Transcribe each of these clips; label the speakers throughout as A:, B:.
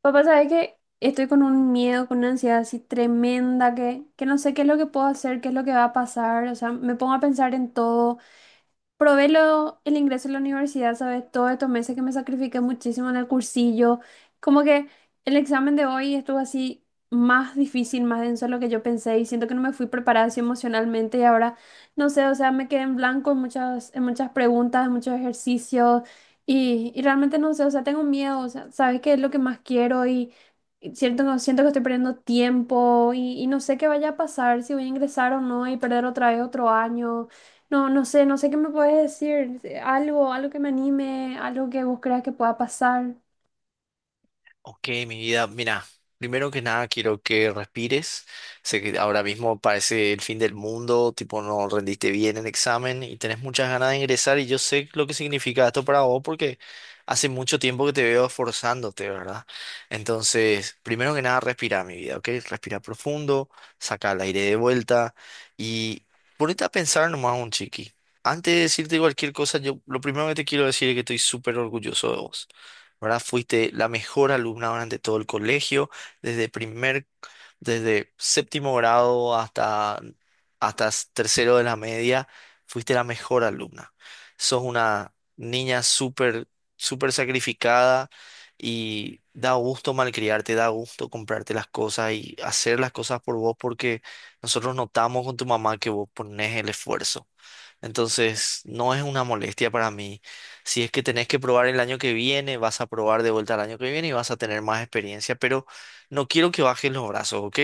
A: Papá, ¿sabes que estoy con un miedo, con una ansiedad así tremenda que no sé qué es lo que puedo hacer, qué es lo que va a pasar. O sea, me pongo a pensar en todo. Probé el ingreso a la universidad, ¿sabes? Todos estos meses que me sacrifiqué muchísimo en el cursillo. Como que el examen de hoy estuvo así más difícil, más denso de lo que yo pensé y siento que no me fui preparada así emocionalmente y ahora, no sé, o sea, me quedé en blanco en en muchas preguntas, en muchos ejercicios y realmente no sé, o sea, tengo miedo, o sea, ¿sabes qué es lo que más quiero? Y siento que estoy perdiendo tiempo y no sé qué vaya a pasar, si voy a ingresar o no y perder otra vez otro año. No, no sé, no sé qué me puedes decir. Algo, algo que me anime, algo que vos creas que pueda pasar.
B: Ok, mi vida, mira, primero que nada quiero que respires. Sé que ahora mismo parece el fin del mundo, tipo no rendiste bien el examen y tenés muchas ganas de ingresar y yo sé lo que significa esto para vos porque hace mucho tiempo que te veo esforzándote, ¿verdad? Entonces, primero que nada, respira, mi vida, ¿ok? Respira profundo, saca el aire de vuelta y ponete a pensar nomás un chiqui. Antes de decirte cualquier cosa, yo lo primero que te quiero decir es que estoy súper orgulloso de vos. ¿Verdad? Fuiste la mejor alumna durante todo el colegio, desde primer, desde séptimo grado hasta tercero de la media, fuiste la mejor alumna. Sos una niña súper sacrificada y da gusto malcriarte, da gusto comprarte las cosas y hacer las cosas por vos porque nosotros notamos con tu mamá que vos ponés el esfuerzo. Entonces, no es una molestia para mí. Si es que tenés que probar el año que viene, vas a probar de vuelta el año que viene y vas a tener más experiencia, pero no quiero que bajes los brazos, ¿ok?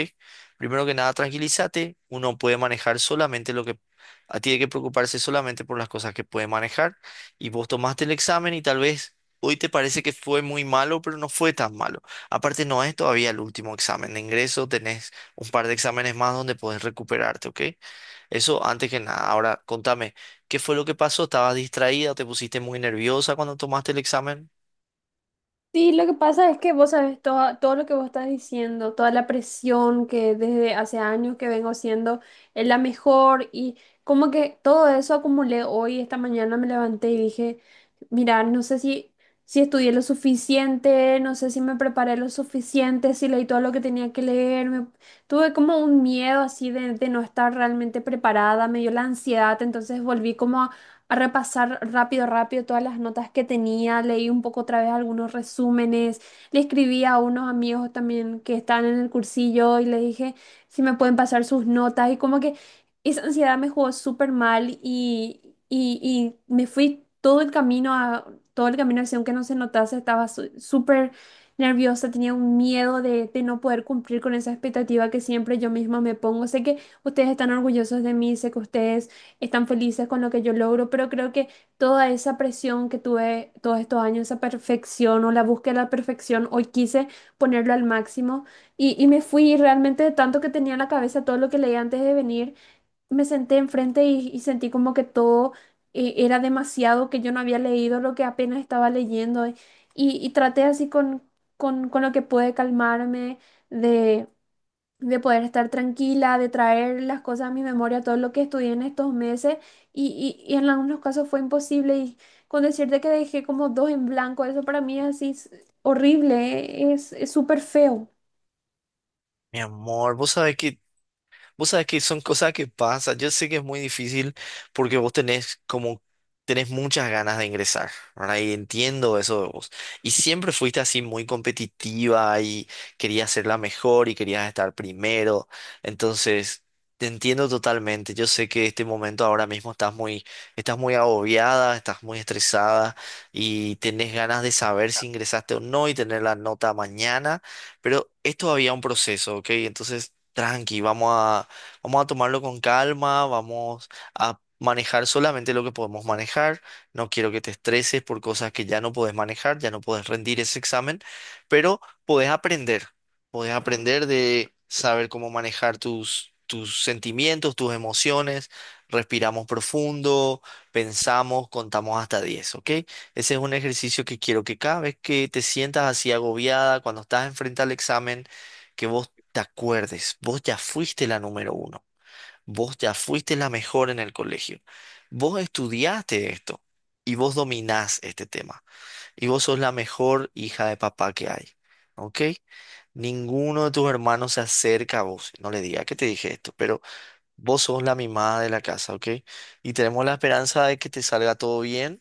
B: Primero que nada, tranquilízate. Uno puede manejar solamente lo que... A tiene que preocuparse solamente por las cosas que puede manejar. Y vos tomaste el examen y tal vez hoy te parece que fue muy malo, pero no fue tan malo. Aparte, no es todavía el último examen de ingreso. Tenés un par de exámenes más donde podés recuperarte, ¿ok? Eso antes que nada. Ahora, contame, ¿qué fue lo que pasó? ¿Estabas distraída? ¿Te pusiste muy nerviosa cuando tomaste el examen?
A: Sí, lo que pasa es que vos sabes todo, todo lo que vos estás diciendo, toda la presión que desde hace años que vengo siendo es la mejor y como que todo eso acumulé hoy, esta mañana me levanté y dije, mira, no sé si, si estudié lo suficiente, no sé si me preparé lo suficiente, si leí todo lo que tenía que leer, tuve como un miedo así de no estar realmente preparada, me dio la ansiedad, entonces volví como a repasar rápido, rápido todas las notas que tenía, leí un poco otra vez algunos resúmenes, le escribí a unos amigos también que estaban en el cursillo y les dije si me pueden pasar sus notas y como que esa ansiedad me jugó súper mal y me fui todo el camino todo el camino así, aunque no se notase, estaba súper nerviosa, tenía un miedo de no poder cumplir con esa expectativa que siempre yo misma me pongo. Sé que ustedes están orgullosos de mí, sé que ustedes están felices con lo que yo logro, pero creo que toda esa presión que tuve todos estos años, esa perfección o la búsqueda de la perfección, hoy quise ponerlo al máximo y me fui y realmente de tanto que tenía en la cabeza todo lo que leí antes de venir, me senté enfrente y sentí como que todo era demasiado, que yo no había leído lo que apenas estaba leyendo y traté así con lo que pude calmarme de de poder estar tranquila, de traer las cosas a mi memoria, todo lo que estudié en estos meses y en algunos casos fue imposible y con decirte que dejé como dos en blanco, eso para mí es así es horrible, es súper feo.
B: Mi amor, vos sabés que vos sabés que son cosas que pasan. Yo sé que es muy difícil porque vos tenés como tenés muchas ganas de ingresar, ¿verdad? Y entiendo eso de vos. Y siempre fuiste así muy competitiva y querías ser la mejor y querías estar primero. Entonces, te entiendo totalmente. Yo sé que este momento ahora mismo estás muy agobiada, estás muy estresada y tenés ganas de saber si ingresaste o no y tener la nota mañana, pero es todavía un proceso, ¿ok? Entonces... Tranqui, vamos a tomarlo con calma, vamos a manejar solamente lo que podemos manejar, no quiero que te estreses por cosas que ya no podés manejar, ya no podés rendir ese examen, pero podés aprender, podés aprender de saber cómo manejar tus sentimientos, tus emociones, respiramos profundo, pensamos, contamos hasta 10, ¿ok? Ese es un ejercicio que quiero que cada vez que te sientas así agobiada, cuando estás enfrente al examen, que vos te acuerdes, vos ya fuiste la número uno, vos ya fuiste la mejor en el colegio, vos estudiaste esto y vos dominás este tema y vos sos la mejor hija de papá que hay, ¿ok? Ninguno de tus hermanos se acerca a vos, no le diga que te dije esto, pero vos sos la mimada de la casa, ¿ok? Y tenemos la esperanza de que te salga todo bien.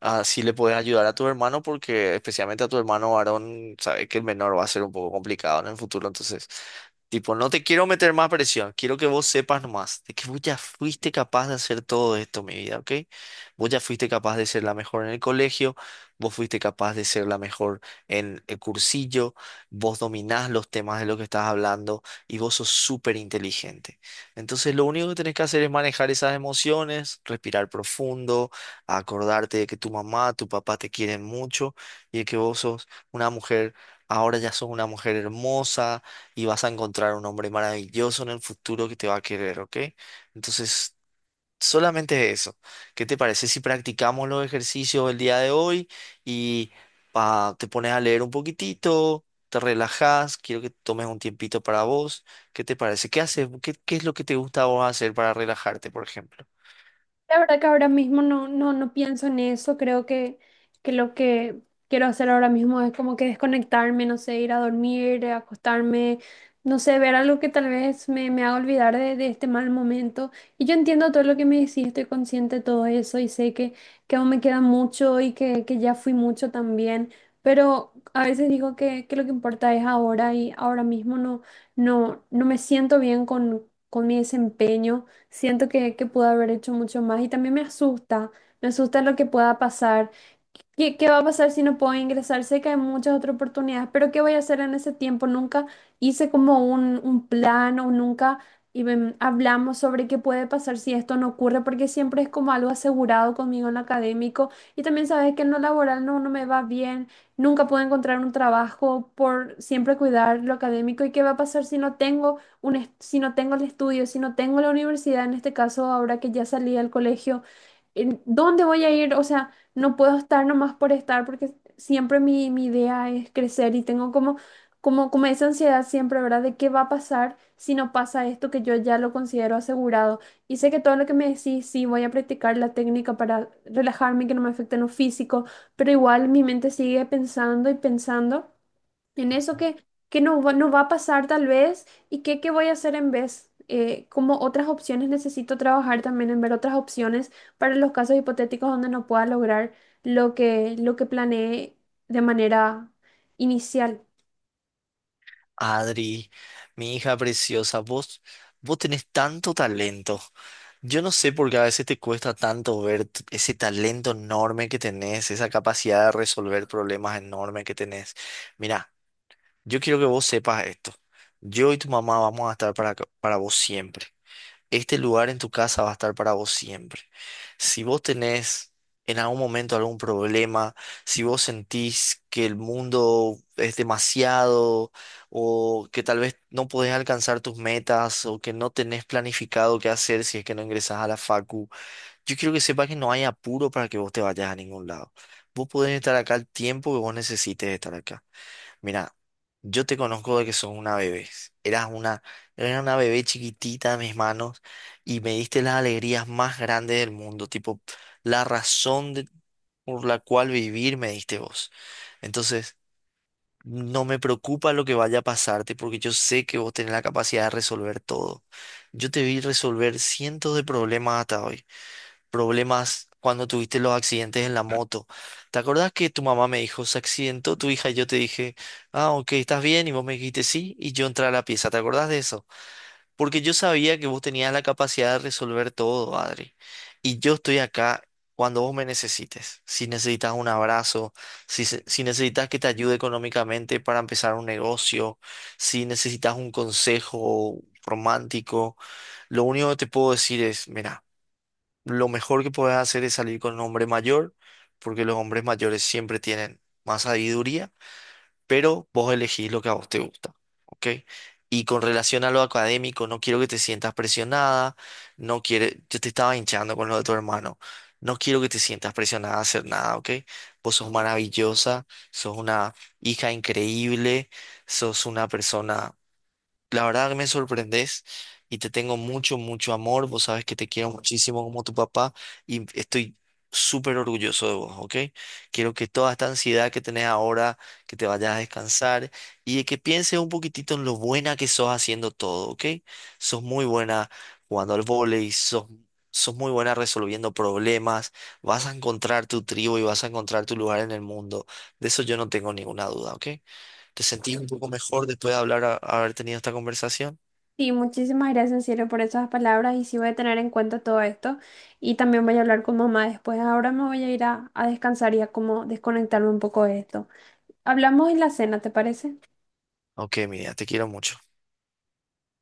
B: Así le puedes ayudar a tu hermano porque especialmente a tu hermano varón, sabes que el menor va a ser un poco complicado en el futuro. Entonces, tipo, no te quiero meter más presión, quiero que vos sepas nomás de que vos ya fuiste capaz de hacer todo esto, mi vida, ¿ok? Vos ya fuiste capaz de ser la mejor en el colegio, vos fuiste capaz de ser la mejor en el cursillo, vos dominás los temas de lo que estás hablando y vos sos súper inteligente. Entonces, lo único que tenés que hacer es manejar esas emociones, respirar profundo a acordarte de que tu mamá, tu papá te quieren mucho y de que vos sos una mujer, ahora ya sos una mujer hermosa y vas a encontrar un hombre maravilloso en el futuro que te va a querer, ¿ok? Entonces, solamente eso. ¿Qué te parece si practicamos los ejercicios el día de hoy y pa, te pones a leer un poquitito? Te relajas, quiero que tomes un tiempito para vos. ¿Qué te parece? ¿Qué haces? ¿Qué es lo que te gusta a vos hacer para relajarte, por ejemplo?
A: La verdad que ahora mismo no pienso en eso. Creo que lo que quiero hacer ahora mismo es como que desconectarme, no sé, ir a dormir, acostarme, no sé, ver algo que tal vez me haga olvidar de este mal momento. Y yo entiendo todo lo que me decís, estoy consciente de todo eso y sé que aún me queda mucho y que ya fui mucho también. Pero a veces digo que lo que importa es ahora y ahora mismo no me siento bien con mi desempeño. Siento que pude haber hecho mucho más y también me asusta lo que pueda pasar. ¿Qué, qué va a pasar si no puedo ingresar? Sé que hay muchas otras oportunidades, pero ¿qué voy a hacer en ese tiempo? Nunca hice como un plan o nunca y, ven, hablamos sobre qué puede pasar si esto no ocurre, porque siempre es como algo asegurado conmigo en lo académico y también sabes que en lo laboral no me va bien, nunca puedo encontrar un trabajo por siempre cuidar lo académico y qué va a pasar si no tengo si no tengo el estudio, si no tengo la universidad, en este caso ahora que ya salí del colegio, ¿en ¿dónde voy a ir? O sea no puedo estar nomás por estar porque siempre mi idea es crecer y tengo como esa ansiedad siempre, ¿verdad? De qué va a pasar si no pasa esto que yo ya lo considero asegurado. Y sé que todo lo que me decís, sí, voy a practicar la técnica para relajarme, y que no me afecte en lo físico, pero igual mi mente sigue pensando y pensando en eso que no va a pasar tal vez y qué voy a hacer en vez. Como otras opciones, necesito trabajar también en ver otras opciones para los casos hipotéticos donde no pueda lograr lo que planeé de manera inicial.
B: Adri, mi hija preciosa, vos tenés tanto talento. Yo no sé por qué a veces te cuesta tanto ver ese talento enorme que tenés, esa capacidad de resolver problemas enorme que tenés. Mira, yo quiero que vos sepas esto. Yo y tu mamá vamos a estar para vos siempre, este lugar en tu casa va a estar para vos siempre. Si vos tenés en algún momento algún problema, si vos sentís que el mundo es demasiado o que tal vez no podés alcanzar tus metas o que no tenés planificado qué hacer si es que no ingresás a la facu, yo quiero que sepas que no hay apuro para que vos te vayas a ningún lado. Vos podés estar acá el tiempo que vos necesites estar acá. Mira, yo te conozco de que sos una bebé. Eras una, eras una bebé chiquitita en mis manos y me diste las alegrías más grandes del mundo, tipo la por la cual vivir me diste vos. Entonces, no me preocupa lo que vaya a pasarte porque yo sé que vos tenés la capacidad de resolver todo. Yo te vi resolver cientos de problemas hasta hoy, problemas cuando tuviste los accidentes en la moto. ¿Te acordás que tu mamá me dijo, se accidentó tu hija? Y yo te dije, ah, ok, estás bien, y vos me dijiste sí, y yo entré a la pieza. ¿Te acordás de eso? Porque yo sabía que vos tenías la capacidad de resolver todo, Adri. Y yo estoy acá cuando vos me necesites. Si necesitas un abrazo, si necesitas que te ayude económicamente para empezar un negocio, si necesitas un consejo romántico, lo único que te puedo decir es, mira, lo mejor que puedes hacer es salir con un hombre mayor, porque los hombres mayores siempre tienen más sabiduría, pero vos elegís lo que a vos te gusta, ¿ok? Y con relación a lo académico, no quiero que te sientas presionada, no quiere, yo te estaba hinchando con lo de tu hermano, no quiero que te sientas presionada a hacer nada, ¿ok? Vos sos maravillosa, sos una hija increíble, sos una persona, la verdad que me sorprendes, y te tengo mucho, mucho amor. Vos sabes que te quiero muchísimo como tu papá y estoy súper orgulloso de vos, ¿ok? Quiero que toda esta ansiedad que tenés ahora, que te vayas a descansar y de que pienses un poquitito en lo buena que sos haciendo todo, ¿ok? Sos muy buena jugando al vóley, sos muy buena resolviendo problemas, vas a encontrar tu tribu y vas a encontrar tu lugar en el mundo. De eso yo no tengo ninguna duda, ¿ok? ¿Te sentís un poco mejor después de hablar, haber tenido esta conversación?
A: Sí, muchísimas gracias en serio por esas palabras y sí voy a tener en cuenta todo esto y también voy a hablar con mamá después. Ahora me voy a ir a descansar y a como desconectarme un poco de esto. Hablamos en la cena, ¿te parece?
B: Ok, mira, te quiero mucho.